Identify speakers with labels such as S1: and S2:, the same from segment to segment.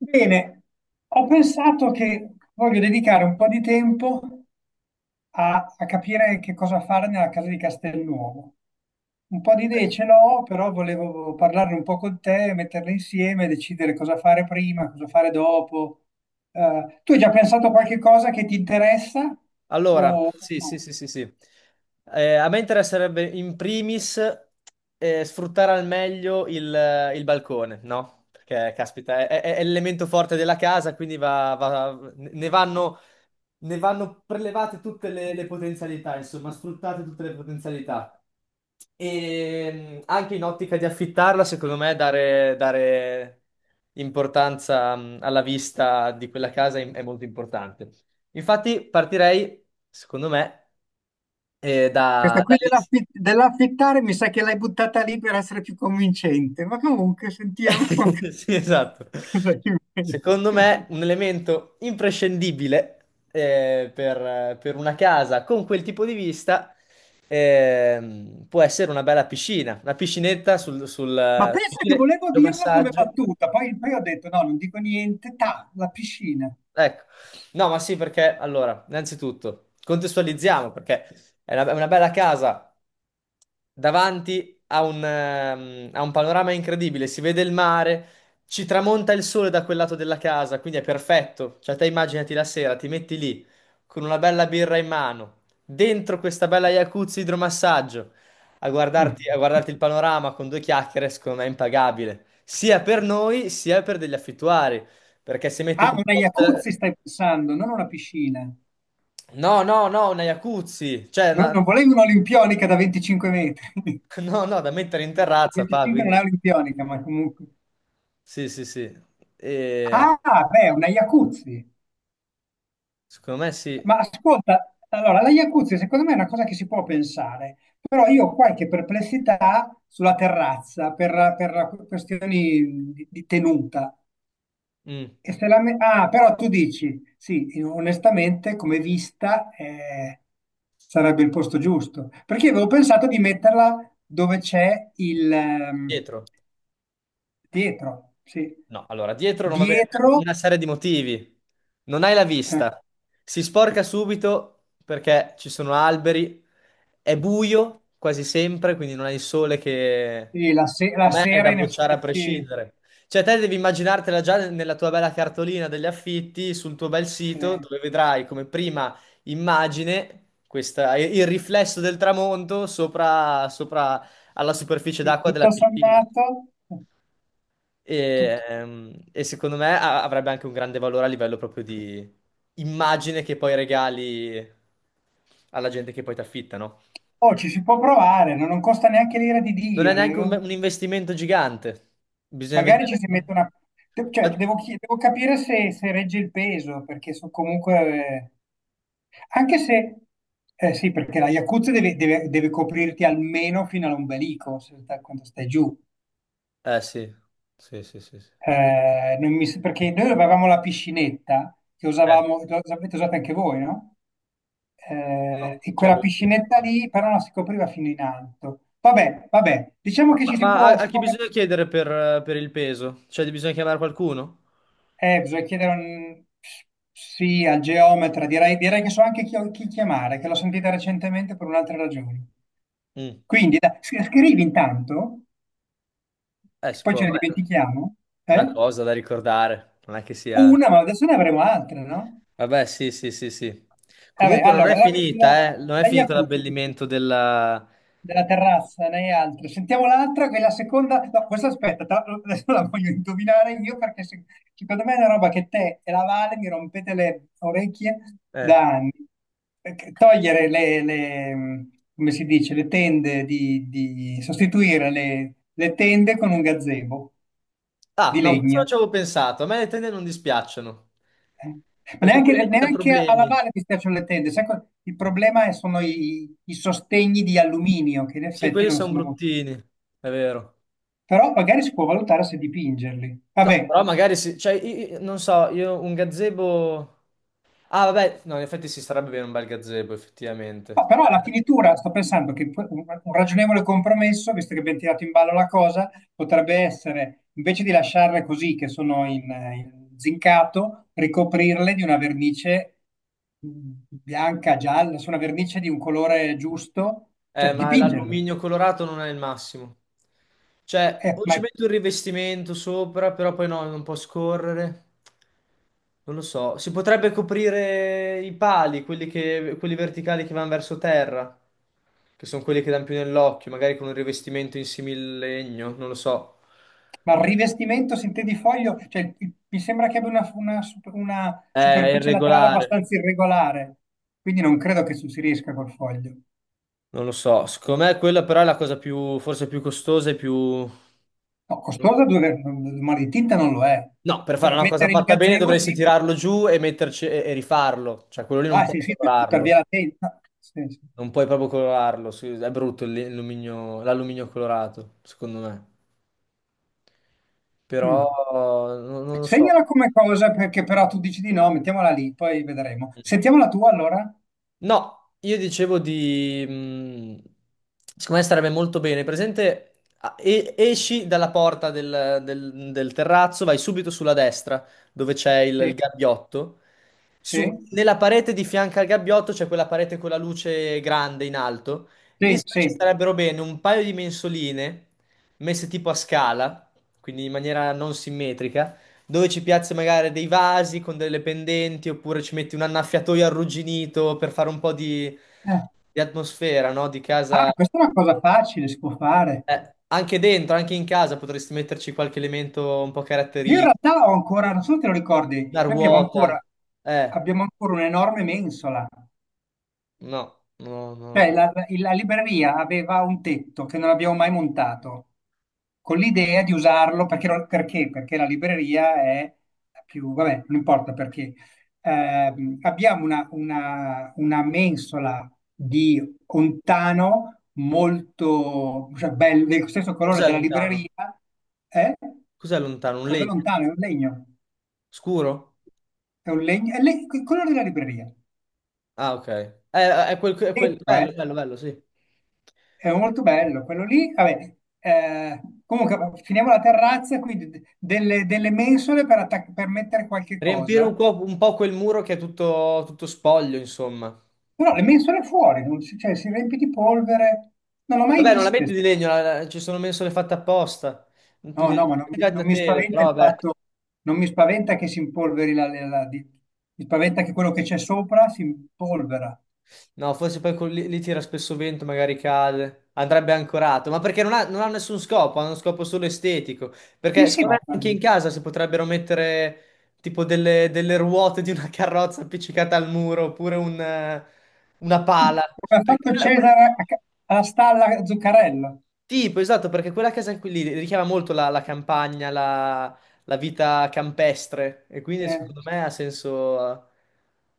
S1: Bene, ho pensato che voglio dedicare un po' di tempo a capire che cosa fare nella casa di Castelnuovo. Un po' di idee
S2: Ecco.
S1: ce l'ho, però volevo parlarne un po' con te, metterle insieme, decidere cosa fare prima, cosa fare dopo. Tu hai già pensato a qualche cosa che ti interessa
S2: Allora,
S1: o
S2: sì, sì,
S1: no?
S2: sì, sì, sì. A me interesserebbe in primis sfruttare al meglio il balcone, no? Perché, caspita, è l'elemento forte della casa, quindi ne vanno prelevate tutte le potenzialità, insomma, sfruttate tutte le potenzialità. E anche in ottica di affittarla, secondo me, dare importanza alla vista di quella casa è molto importante. Infatti, partirei, secondo me, eh, da,
S1: Questa qui
S2: dall'ins-
S1: dell'affittare mi sa che l'hai buttata lì per essere più convincente, ma comunque sentiamo
S2: Sì, esatto.
S1: cosa inventi.
S2: Secondo me, un elemento imprescindibile per una casa con quel tipo di vista può essere una bella piscina, una piscinetta
S1: Ma pensa che volevo dirlo come
S2: idromassaggio.
S1: battuta, poi ho detto no, non dico niente, ta, la piscina.
S2: Ecco, no, ma sì, perché allora, innanzitutto contestualizziamo perché è una bella casa davanti a un panorama incredibile. Si vede il mare, ci tramonta il sole da quel lato della casa, quindi è perfetto. Cioè, te immaginati la sera, ti metti lì con una bella birra in mano, dentro questa bella jacuzzi idromassaggio, a guardarti il panorama con due chiacchiere, secondo me è impagabile, sia per noi sia per degli affittuari. Perché se metti
S1: Ah,
S2: come
S1: una
S2: costo.
S1: jacuzzi stai pensando, non una piscina.
S2: No, no, no, una jacuzzi, cioè,
S1: No,
S2: una-
S1: non volevi un'olimpionica da 25 metri.
S2: No, no, da mettere in
S1: No,
S2: terrazza, fa,
S1: 25 non
S2: quindi,
S1: è olimpionica, ma comunque.
S2: sì, sì, sì, E-
S1: Ah, beh, una jacuzzi.
S2: Secondo me sì.
S1: Ma ascolta, allora, la jacuzzi secondo me è una cosa che si può pensare, però io ho qualche perplessità sulla terrazza per questioni di tenuta.
S2: Mm.
S1: E se la me- ah, però tu dici, sì, onestamente, come vista, sarebbe il posto giusto. Perché io avevo pensato di metterla dove c'è il
S2: Dietro.
S1: dietro, sì.
S2: No, allora, dietro non va bene per
S1: Dietro,
S2: una serie di motivi. Non hai la vista, si sporca subito perché ci sono alberi, è buio quasi sempre, quindi non hai il sole che,
S1: sì, la, se- la
S2: secondo me, è
S1: sera,
S2: da
S1: in
S2: bocciare a
S1: effetti,
S2: prescindere. Cioè, te devi immaginartela già nella tua bella cartolina degli affitti, sul tuo bel sito,
S1: eh,
S2: dove vedrai come prima immagine il riflesso del tramonto sopra alla superficie
S1: sì,
S2: d'acqua della
S1: tutto
S2: piscina.
S1: sommato,
S2: E,
S1: tut-
S2: ehm, e secondo me avrebbe anche un grande valore a livello proprio di immagine che poi regali alla gente che poi ti affitta, no?
S1: oh, ci si può provare, no? Non costa neanche l'ira di
S2: Non è
S1: Dio. Ne
S2: neanche
S1: avevo-
S2: un investimento gigante. Bisogna
S1: magari ci
S2: vedere.
S1: si mette una... de- cioè,
S2: Ma-
S1: devo, chi- devo capire se, se regge il peso, perché so comunque... anche se, eh sì, perché la Yakuza deve, deve- deve coprirti almeno fino all'ombelico se- quando stai giù.
S2: Eh sì, sì, sì, sì, sì.
S1: Non mi s- perché noi avevamo la piscinetta che
S2: Eh,
S1: usavamo, l'avete usata anche voi, no?
S2: no,
S1: E
S2: cioè,
S1: quella piscinetta lì però non si copriva fino in alto. Vabbè, vabbè, diciamo che ci
S2: ma a
S1: si
S2: chi
S1: può met-
S2: bisogna chiedere per il peso? Cioè, bisogna chiamare qualcuno?
S1: bisogna chiedere un- sì al geometra, direi, direi che so anche chi, chi chiamare, che l'ho sentita recentemente per un'altra ragione.
S2: Mm.
S1: Quindi, dai, scrivi intanto.
S2: Si
S1: Poi
S2: può.
S1: ce ne
S2: Vabbè,
S1: dimentichiamo,
S2: una
S1: eh?
S2: cosa da ricordare, non è che sia.
S1: Una, ma adesso ne avremo altre, no?
S2: Vabbè, sì, sì, sì, sì.
S1: Vabbè,
S2: Comunque non è
S1: allora,
S2: Vabbè. Finita, eh? Non è
S1: la
S2: finito
S1: Jacuzzi,
S2: l'abbellimento della.
S1: della terrazza, ne hai altre. Sentiamo l'altra, che è la seconda... No, questa aspetta, tra l'altro adesso la voglio indovinare io perché se- secondo me è una roba che te e la Vale mi rompete le orecchie da
S2: eh.
S1: anni. Perché togliere come si dice, le tende di- sostituire le tende con un gazebo
S2: Ah,
S1: di
S2: no, questo non
S1: legno.
S2: ci avevo pensato. A me le tende non dispiacciono,
S1: Ma
S2: perché poi
S1: neanche,
S2: lì ti dà
S1: neanche a
S2: problemi.
S1: lavare mi piacciono le tende. Sai co- il problema è- sono i, i sostegni di alluminio, che in
S2: Sì,
S1: effetti
S2: quelli
S1: non
S2: sono
S1: sono molto.
S2: bruttini, è vero.
S1: Però magari si può valutare se dipingerli.
S2: No,
S1: Vabbè,
S2: però magari sì, cioè, non so, io un gazebo. Ah, vabbè, no, in effetti si starebbe bene un bel gazebo,
S1: no,
S2: effettivamente.
S1: però la finitura, sto pensando che pu- un ragionevole compromesso, visto che abbiamo tirato in ballo la cosa, potrebbe essere, invece di lasciarle così, che sono in, in zincato, ricoprirle di una vernice bianca, gialla, su una vernice di un colore giusto, cioè
S2: Ma
S1: dipingerlo.
S2: l'alluminio colorato non è il massimo. Cioè,
S1: Eh,
S2: o
S1: ma
S2: ci metto un rivestimento sopra, però poi no, non può scorrere. Non lo so. Si potrebbe coprire i pali, quelli verticali che vanno verso terra, che sono quelli che danno più nell'occhio, magari con un rivestimento in similegno, non lo so.
S1: Ma il rivestimento, se intendi foglio, cioè, il- mi sembra che abbia una super- una
S2: È
S1: superficie laterale
S2: irregolare,
S1: abbastanza irregolare, quindi non credo che si riesca col foglio.
S2: non lo so. Secondo me quella però è la cosa più, forse più costosa e più.
S1: No, costosa due ma di tinta non lo è.
S2: No, per fare
S1: Per
S2: una cosa
S1: mettere il
S2: fatta bene
S1: gazebo,
S2: dovresti
S1: sì, per-
S2: tirarlo giù e metterci e rifarlo. Cioè, quello lì non
S1: ah
S2: puoi
S1: sì, sì, per buttare
S2: colorarlo.
S1: via la tenda. Sì, sì.
S2: Non puoi proprio colorarlo. È brutto l'alluminio colorato, secondo me. Però
S1: Mm.
S2: non lo so.
S1: Segnala come cosa, perché però tu dici di no, mettiamola lì, poi vedremo. Sentiamo la tua allora?
S2: No, io dicevo di, secondo me starebbe molto bene. Presente, esci dalla porta del terrazzo, vai subito sulla destra, dove c'è
S1: Sì,
S2: il gabbiotto.
S1: sì,
S2: Nella parete di fianco al gabbiotto c'è quella parete con la luce grande in alto. Lì
S1: sì,
S2: secondo me ci
S1: sì.
S2: starebbero bene un paio di mensoline messe tipo a scala, quindi in maniera non simmetrica dove ci piazzi magari dei vasi con delle pendenti oppure ci metti un annaffiatoio arrugginito per fare un po'
S1: Eh.
S2: di atmosfera, no? Di
S1: Ah,
S2: casa.
S1: questa è una cosa facile, si può fare.
S2: Anche dentro, anche in casa potresti metterci qualche elemento un po'
S1: Io in
S2: caratteristico,
S1: realtà ho ancora, non so se te lo ricordi,
S2: una ruota. Eh,
S1: abbiamo ancora un'enorme mensola,
S2: no, no, no.
S1: cioè la, la libreria aveva un tetto che non abbiamo mai montato, con l'idea di usarlo perché, non- perché? Perché la libreria è più, vabbè, non importa perché. Abbiamo una mensola di ontano molto, cioè, bello, del stesso colore
S2: Cos'è
S1: della
S2: lontano?
S1: libreria, eh?
S2: Cos'è lontano? Un
S1: Cos'è
S2: legno?
S1: lontano? È un legno.
S2: Scuro?
S1: È un legno, è le- quello della libreria,
S2: Ah, ok. È quel.
S1: dentro, eh?
S2: Bello, bello, bello, sì.
S1: È molto bello, quello lì, vabbè, comunque va- finiamo la terrazza, quindi de- delle mensole per, attac- per mettere qualche
S2: Riempire
S1: cosa,
S2: un po' quel muro che è tutto, tutto spoglio, insomma.
S1: però le mensole fuori, non si, cioè, si riempie di polvere, non l'ho mai
S2: Vabbè, non la
S1: viste,
S2: metti di legno, ci sono mensole fatte apposta.
S1: no, no, ma non,
S2: Più
S1: mi
S2: che una
S1: non mi
S2: tele,
S1: spaventa il
S2: però vabbè.
S1: fatto, non mi spaventa che si impolveri la, la- la- di- mi spaventa che quello che c'è sopra si impolvera,
S2: No, forse poi lì tira spesso vento, magari cade. Andrebbe ancorato, ma perché non ha nessun scopo, ha uno scopo solo estetico.
S1: sì,
S2: Perché
S1: sì,
S2: secondo
S1: ma
S2: me anche in
S1: come
S2: casa si potrebbero mettere tipo delle ruote di una carrozza appiccicata al muro, oppure una pala.
S1: ha
S2: Perché
S1: fatto
S2: quella- quella-
S1: Cesare a ca- alla stalla Zuccarello,
S2: Tipo, esatto, perché quella casa qui lì richiama molto la campagna, la vita campestre e quindi
S1: eh.
S2: secondo me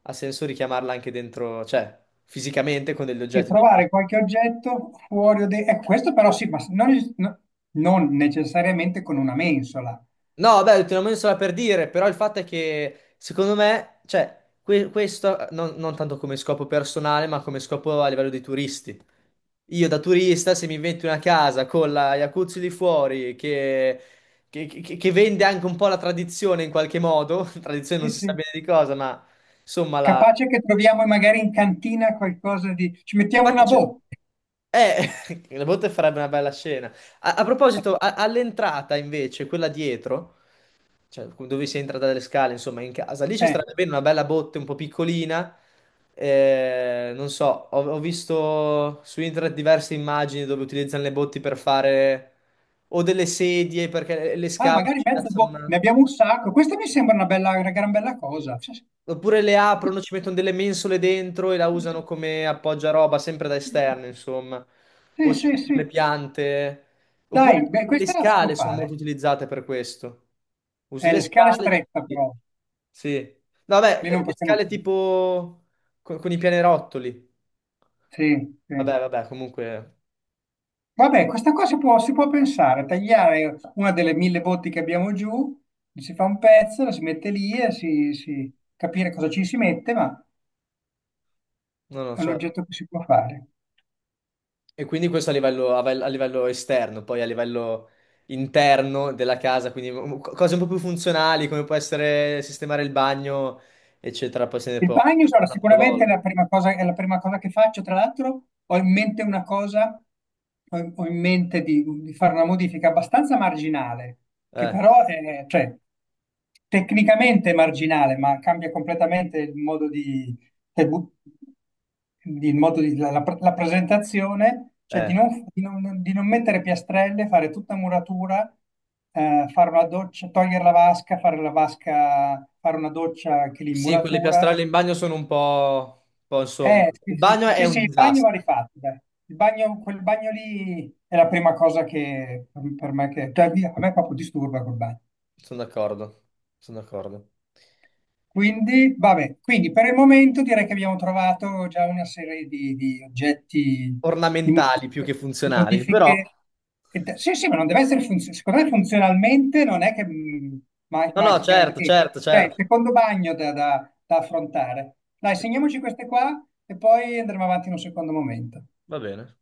S2: ha senso richiamarla anche dentro, cioè fisicamente con degli
S1: E
S2: oggetti.
S1: trovare qualche oggetto fuori o dentro. Questo però sì, ma non, il- no- non necessariamente con una mensola.
S2: No, beh, te l'ho messo là per dire, però il fatto è che secondo me, cioè, questo non tanto come scopo personale, ma come scopo a livello dei turisti. Io da turista, se mi invento una casa con la jacuzzi di fuori, che vende anche un po' la tradizione in qualche modo, tradizione non
S1: Sì,
S2: si sa
S1: sì.
S2: bene di cosa, ma insomma, la.
S1: Capace che troviamo magari in cantina qualcosa di... Ci mettiamo
S2: infatti
S1: una
S2: c'è-
S1: botte.
S2: le botte farebbe una bella scena. A proposito, all'entrata invece, quella dietro. Cioè, dove si entra dalle scale, insomma, in casa. Lì ci
S1: Eh.
S2: starebbe bene una bella botte un po' piccolina. Non so, ho visto su internet diverse immagini dove utilizzano le botti per fare o delle sedie perché le
S1: Ah,
S2: scavano e
S1: magari
S2: ci
S1: mezza
S2: piazzano
S1: botte. Ne
S2: una.
S1: abbiamo un sacco. Questa mi sembra una bella, una gran bella
S2: Mm.
S1: cosa. Sì,
S2: Oppure le aprono, ci mettono delle mensole dentro e la usano come appoggiaroba, sempre da esterno, insomma.
S1: sì,
S2: O ci
S1: sì.
S2: mettono
S1: Sì.
S2: le piante. Oppure
S1: Dai, beh,
S2: le
S1: questa la si può
S2: scale sono molto
S1: fare.
S2: utilizzate per questo. Usi le
S1: Le scale
S2: scale.
S1: strette però.
S2: Sì. No, vabbè,
S1: Lì non
S2: le
S1: possiamo...
S2: scale tipo con i pianerottoli.
S1: Sì, sì.
S2: Vabbè, vabbè, comunque.
S1: Vabbè, questa cosa si può pensare, tagliare una delle mille botti che abbiamo giù, si fa un pezzo, la si mette lì e si- capire cosa ci si mette, ma
S2: No, no,
S1: è un
S2: certo.
S1: oggetto che si può fare.
S2: E quindi questo a livello, a livello esterno, poi a livello interno della casa, quindi cose un po' più funzionali, come può essere sistemare il bagno, eccetera, poi se ne
S1: Il
S2: può
S1: bagno,
S2: parlare
S1: allora,
S2: un'altra
S1: sicuramente è
S2: volta.
S1: la prima cosa, è la prima cosa che faccio. Tra l'altro, ho in mente una cosa, ho in mente di fare una modifica abbastanza marginale, che
S2: Eh,
S1: però è, cioè, tecnicamente è marginale, ma cambia completamente il modo di, del bu- di- il modo di- la, la- la presentazione, cioè di
S2: eh.
S1: non, di non- di non mettere piastrelle, fare tutta muratura, fare una doccia, togliere la vasca, fare una doccia che
S2: Sì, quelle
S1: l'immuratura
S2: piastrelle in bagno sono un po', insomma. Il
S1: sì, sì,
S2: bagno è
S1: sì, sì,
S2: un
S1: il bagno
S2: disastro,
S1: va rifatto, dai. Il bagno, quel bagno lì è la prima cosa che per me, che, cioè, via, a me proprio disturba quel bagno.
S2: sono d'accordo, sono d'accordo.
S1: Quindi, vabbè, quindi per il momento direi che abbiamo trovato già una serie di oggetti, di
S2: Ornamentali più che
S1: modifiche, di
S2: funzionali, però.
S1: modifiche che de- sì, sì, ma non deve essere funzionale. Secondo me funzionalmente non è che ma-
S2: No, no,
S1: manchi
S2: certo,
S1: granché.
S2: certo,
S1: Cioè, il
S2: certo.
S1: secondo bagno da, da da affrontare. Dai,
S2: Sì,
S1: segniamoci queste qua e poi andremo avanti in un secondo momento.
S2: va bene.